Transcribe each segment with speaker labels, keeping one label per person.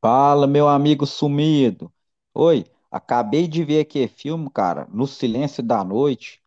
Speaker 1: Fala, meu amigo sumido. Oi, acabei de ver aqui filme, cara, No Silêncio da Noite.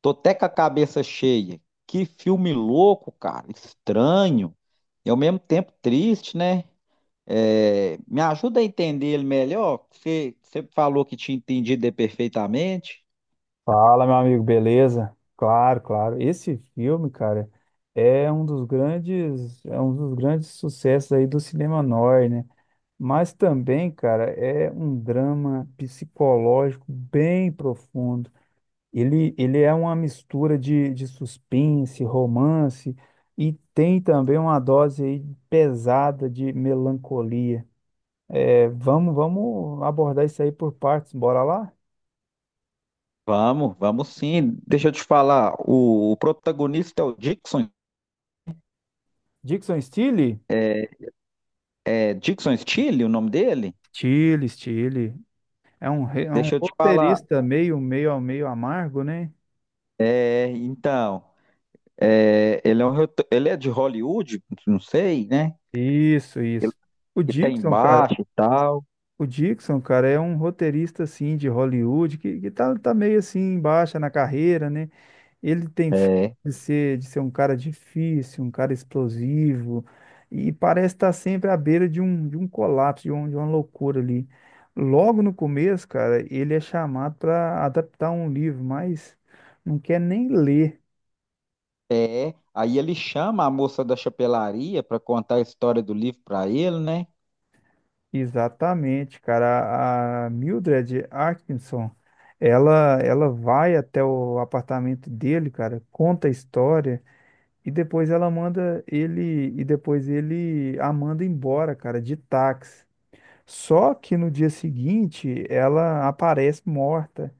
Speaker 1: Tô até com a cabeça cheia. Que filme louco, cara, estranho e ao mesmo tempo triste, né? É, me ajuda a entender ele melhor. Você falou que tinha entendido ele perfeitamente.
Speaker 2: Fala, meu amigo, beleza? Claro, claro. Esse filme, cara, é um dos grandes sucessos aí do cinema noir, né? Mas também, cara, é um drama psicológico bem profundo. Ele é uma mistura de suspense, romance e tem também uma dose aí pesada de melancolia. É, vamos abordar isso aí por partes. Bora lá?
Speaker 1: Vamos, vamos sim. Deixa eu te falar, o protagonista é o Dixon,
Speaker 2: Dixon Steele?
Speaker 1: é é Dixon Steele, o nome dele?
Speaker 2: Steele, Steele. É um
Speaker 1: Deixa eu te falar.
Speaker 2: roteirista meio amargo, né?
Speaker 1: É, então. É, ele é de Hollywood, não sei, né?
Speaker 2: Isso, isso. O
Speaker 1: Que tá
Speaker 2: Dixon, cara,
Speaker 1: embaixo e tal.
Speaker 2: o Dixon, cara, é um roteirista, assim, de Hollywood, que tá meio, assim, em baixa na carreira, né? Ele tem fama
Speaker 1: É.
Speaker 2: de ser um cara difícil, um cara explosivo, e parece estar sempre à beira de um colapso, de uma loucura ali. Logo no começo, cara, ele é chamado para adaptar um livro, mas não quer nem ler.
Speaker 1: É. Aí ele chama a moça da chapelaria para contar a história do livro para ele, né?
Speaker 2: Exatamente, cara. A Mildred Atkinson, ela vai até o apartamento dele, cara, conta a história e depois ela manda ele e depois ele a manda embora, cara, de táxi. Só que no dia seguinte ela aparece morta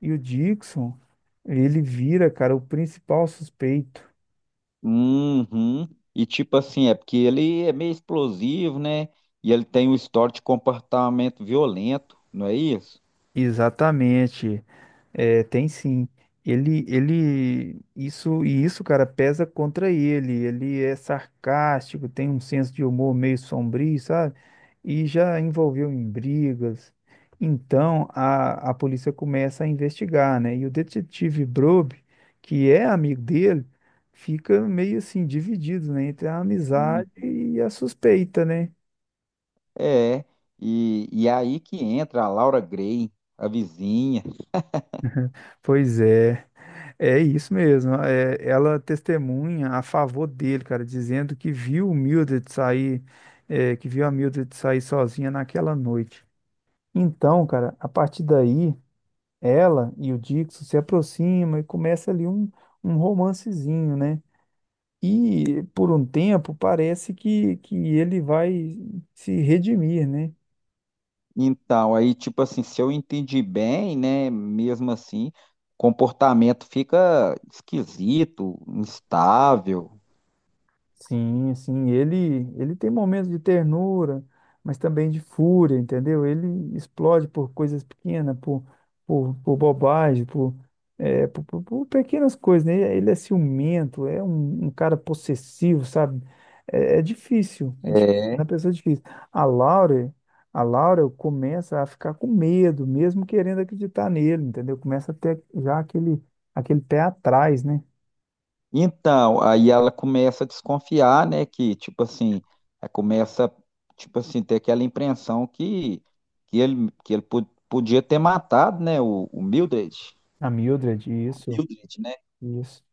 Speaker 2: e o Dixon, ele vira, cara, o principal suspeito.
Speaker 1: Uhum. E tipo assim, é porque ele é meio explosivo, né? E ele tem um histórico de comportamento violento, não é isso?
Speaker 2: Exatamente. É, tem sim. Ele, isso e isso, cara, pesa contra ele. Ele é sarcástico, tem um senso de humor meio sombrio, sabe? E já envolveu em brigas. Então a polícia começa a investigar, né? E o detetive Brobe, que é amigo dele, fica meio assim dividido, né? Entre a amizade
Speaker 1: Hum.
Speaker 2: e a suspeita, né?
Speaker 1: É. E aí que entra a Laura Grey, a vizinha.
Speaker 2: Pois é. É isso mesmo. Ela testemunha a favor dele, cara, dizendo que viu o Mildred sair, que viu a Mildred sair sozinha naquela noite. Então, cara, a partir daí, ela e o Dixon se aproximam e começa ali um romancezinho, né? E por um tempo parece que ele vai se redimir, né?
Speaker 1: Então, aí, tipo assim, se eu entendi bem, né, mesmo assim, o comportamento fica esquisito, instável.
Speaker 2: Sim, sim, ele tem momentos de ternura, mas também de fúria, entendeu? Ele explode por coisas pequenas, por bobagem, por, é, por pequenas coisas, né? Ele é ciumento, é um cara possessivo, sabe? É, é difícil, é difícil, é
Speaker 1: É.
Speaker 2: uma pessoa é difícil. A Laura, a Laura começa a ficar com medo, mesmo querendo acreditar nele, entendeu? Começa a ter já aquele pé atrás, né?
Speaker 1: Então, aí ela começa a desconfiar, né, que, tipo assim, ela começa, tipo assim, ter aquela impressão que, que ele podia ter matado, né, o Mildred.
Speaker 2: A Mildred, isso,
Speaker 1: Mildred, né?
Speaker 2: isso.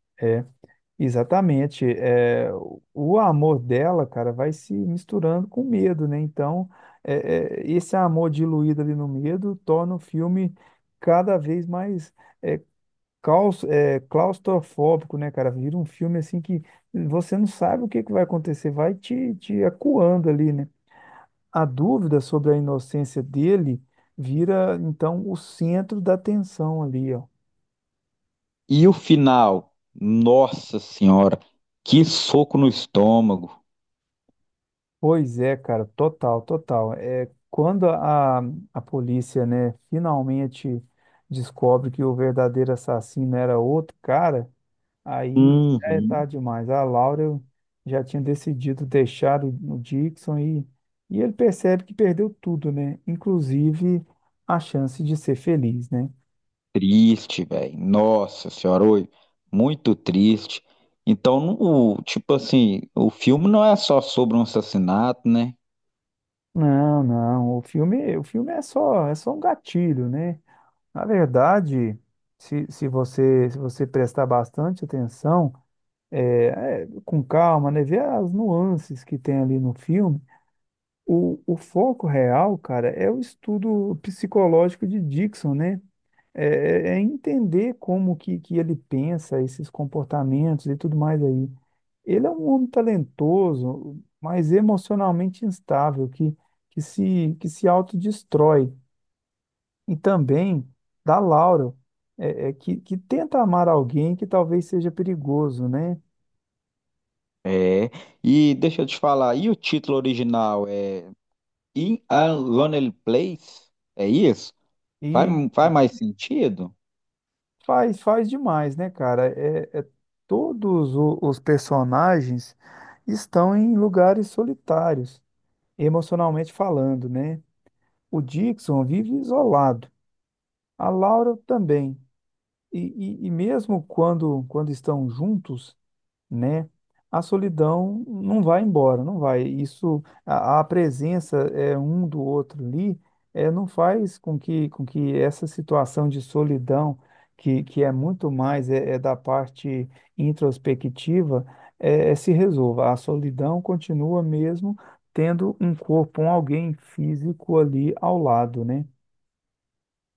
Speaker 2: Exatamente. É, o amor dela, cara, vai se misturando com o medo, né? Então, esse amor diluído ali no medo torna o filme cada vez mais é, claustrofóbico, né, cara? Vira um filme assim que você não sabe o que que vai acontecer, vai te acuando ali, né? A dúvida sobre a inocência dele vira, então, o centro da tensão ali, ó.
Speaker 1: E o final, nossa senhora, que soco no estômago.
Speaker 2: Pois é, cara, total, total. É, quando a polícia, né, finalmente descobre que o verdadeiro assassino era outro cara, aí já é
Speaker 1: Uhum.
Speaker 2: tarde demais. A Laura já tinha decidido deixar o Dixon e ele percebe que perdeu tudo, né? Inclusive a chance de ser feliz, né?
Speaker 1: Triste, velho. Nossa senhora, oi, muito triste. Então, no- o, tipo assim, o filme não é só sobre um assassinato, né?
Speaker 2: Não, não, o filme é só um gatilho, né? Na verdade, se você prestar bastante atenção, com calma, né? Ver as nuances que tem ali no filme. O foco real, cara, é o estudo psicológico de Dixon, né? É, é entender como que ele pensa, esses comportamentos e tudo mais aí. Ele é um homem talentoso, mas emocionalmente instável, que se autodestrói. E também da Laura, que tenta amar alguém que talvez seja perigoso, né?
Speaker 1: É. E deixa eu te falar, e o título original é In a Lonely Place? É isso? Faz,
Speaker 2: E
Speaker 1: faz mais sentido?
Speaker 2: faz demais, né, cara? Todos os personagens estão em lugares solitários, emocionalmente falando, né? O Dixon vive isolado, a Laura também. E, e mesmo quando estão juntos, né? A solidão não vai embora, não vai. Isso, a presença é um do outro ali, não faz com que essa situação de solidão, que é muito mais da parte introspectiva, se resolva. A solidão continua mesmo tendo um corpo, um alguém físico ali ao lado, né?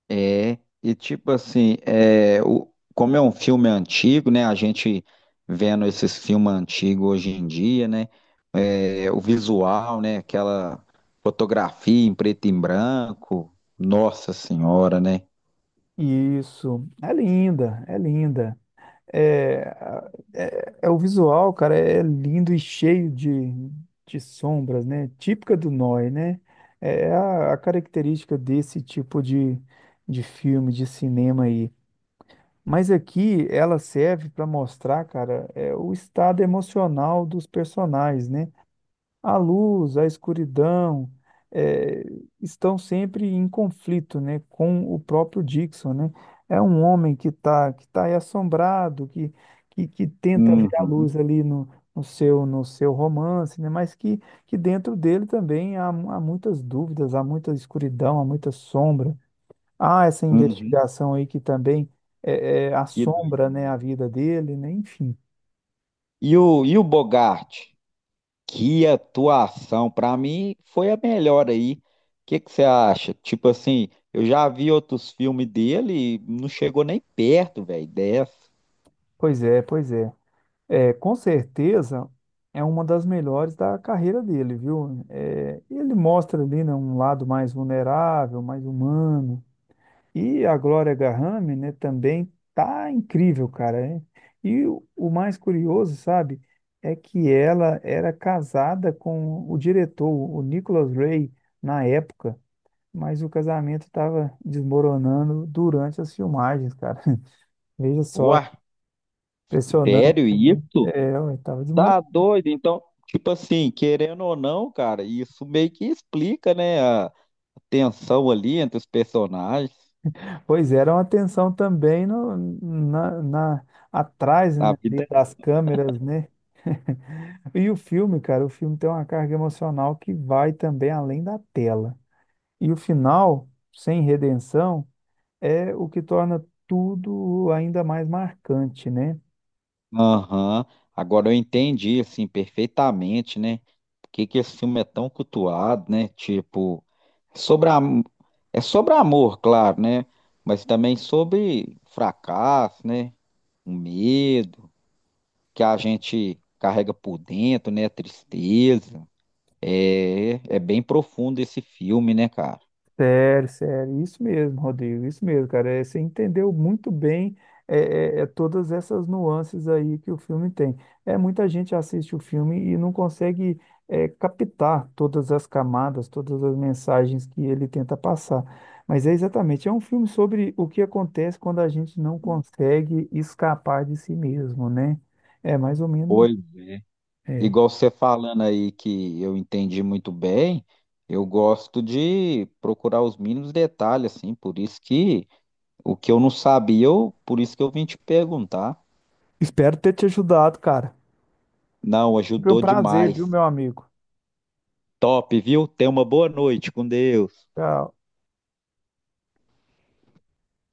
Speaker 1: É, e tipo assim, é, o, como é um filme antigo, né? A gente vendo esses filmes antigos hoje em dia, né? é, o visual, né? Aquela fotografia em preto e branco. Nossa Senhora, né?
Speaker 2: Isso, é linda, é linda. É, é o visual, cara, é lindo e cheio de sombras, né? Típica do noir, né? É a característica desse tipo de filme, de cinema aí. Mas aqui ela serve para mostrar, cara, o estado emocional dos personagens, né? A luz, a escuridão, eh, estão sempre em conflito, né, com o próprio Dixon, né? É um homem que tá aí assombrado, que tenta ver a
Speaker 1: Uhum,
Speaker 2: luz ali no seu romance, né? Mas que dentro dele também há muitas dúvidas, há muita escuridão, há muita sombra. Há essa
Speaker 1: uhum,
Speaker 2: investigação aí que também
Speaker 1: que
Speaker 2: assombra, né, a
Speaker 1: doideira.
Speaker 2: vida dele, né? Enfim,
Speaker 1: E o Bogart? Que atuação! Para mim foi a melhor aí. O que que você acha? Tipo assim, eu já vi outros filmes dele e não chegou nem perto, velho, dessa.
Speaker 2: pois é, pois é. É, com certeza é uma das melhores da carreira dele, viu? É, ele mostra ali, né, um lado mais vulnerável, mais humano. E a Glória Grahame, né, também tá incrível, cara. Hein? E o mais curioso, sabe, é que ela era casada com o diretor, o Nicholas Ray, na época, mas o casamento estava desmoronando durante as filmagens, cara. Veja só,
Speaker 1: O
Speaker 2: impressionante.
Speaker 1: artério, isso?
Speaker 2: É, estava
Speaker 1: Tá
Speaker 2: desmoronando.
Speaker 1: doido. Então, tipo assim, querendo ou não, cara, isso meio que explica, né, a tensão ali entre os personagens
Speaker 2: Pois é, era uma atenção também no, na, na- atrás,
Speaker 1: da
Speaker 2: né, ali
Speaker 1: vida.
Speaker 2: das câmeras, né? E o filme, cara, o filme tem uma carga emocional que vai também além da tela. E o final, sem redenção, é o que torna tudo ainda mais marcante, né?
Speaker 1: Aham. Agora eu entendi, assim, perfeitamente, né? Por que que esse filme é tão cultuado, né? Tipo, é sobre a... é sobre amor, claro, né? Mas também sobre fracasso, né? O medo que a gente carrega por dentro, né? A tristeza. É, é bem profundo esse filme, né, cara?
Speaker 2: Sério, sério, isso mesmo, Rodrigo, isso mesmo, cara. É, você entendeu muito bem todas essas nuances aí que o filme tem. É, muita gente assiste o filme e não consegue captar todas as camadas, todas as mensagens que ele tenta passar. Mas é exatamente, é um filme sobre o que acontece quando a gente não consegue escapar de si mesmo, né? É mais ou menos.
Speaker 1: Pois,
Speaker 2: É.
Speaker 1: igual você falando aí que eu entendi muito bem, eu gosto de procurar os mínimos detalhes, assim, por isso que o que eu não sabia, eu, por isso que eu vim te perguntar.
Speaker 2: Espero ter te ajudado, cara.
Speaker 1: Não,
Speaker 2: Foi um
Speaker 1: ajudou
Speaker 2: prazer,
Speaker 1: demais.
Speaker 2: viu, meu amigo?
Speaker 1: Top, viu? Tenha uma boa noite com Deus.
Speaker 2: Tchau.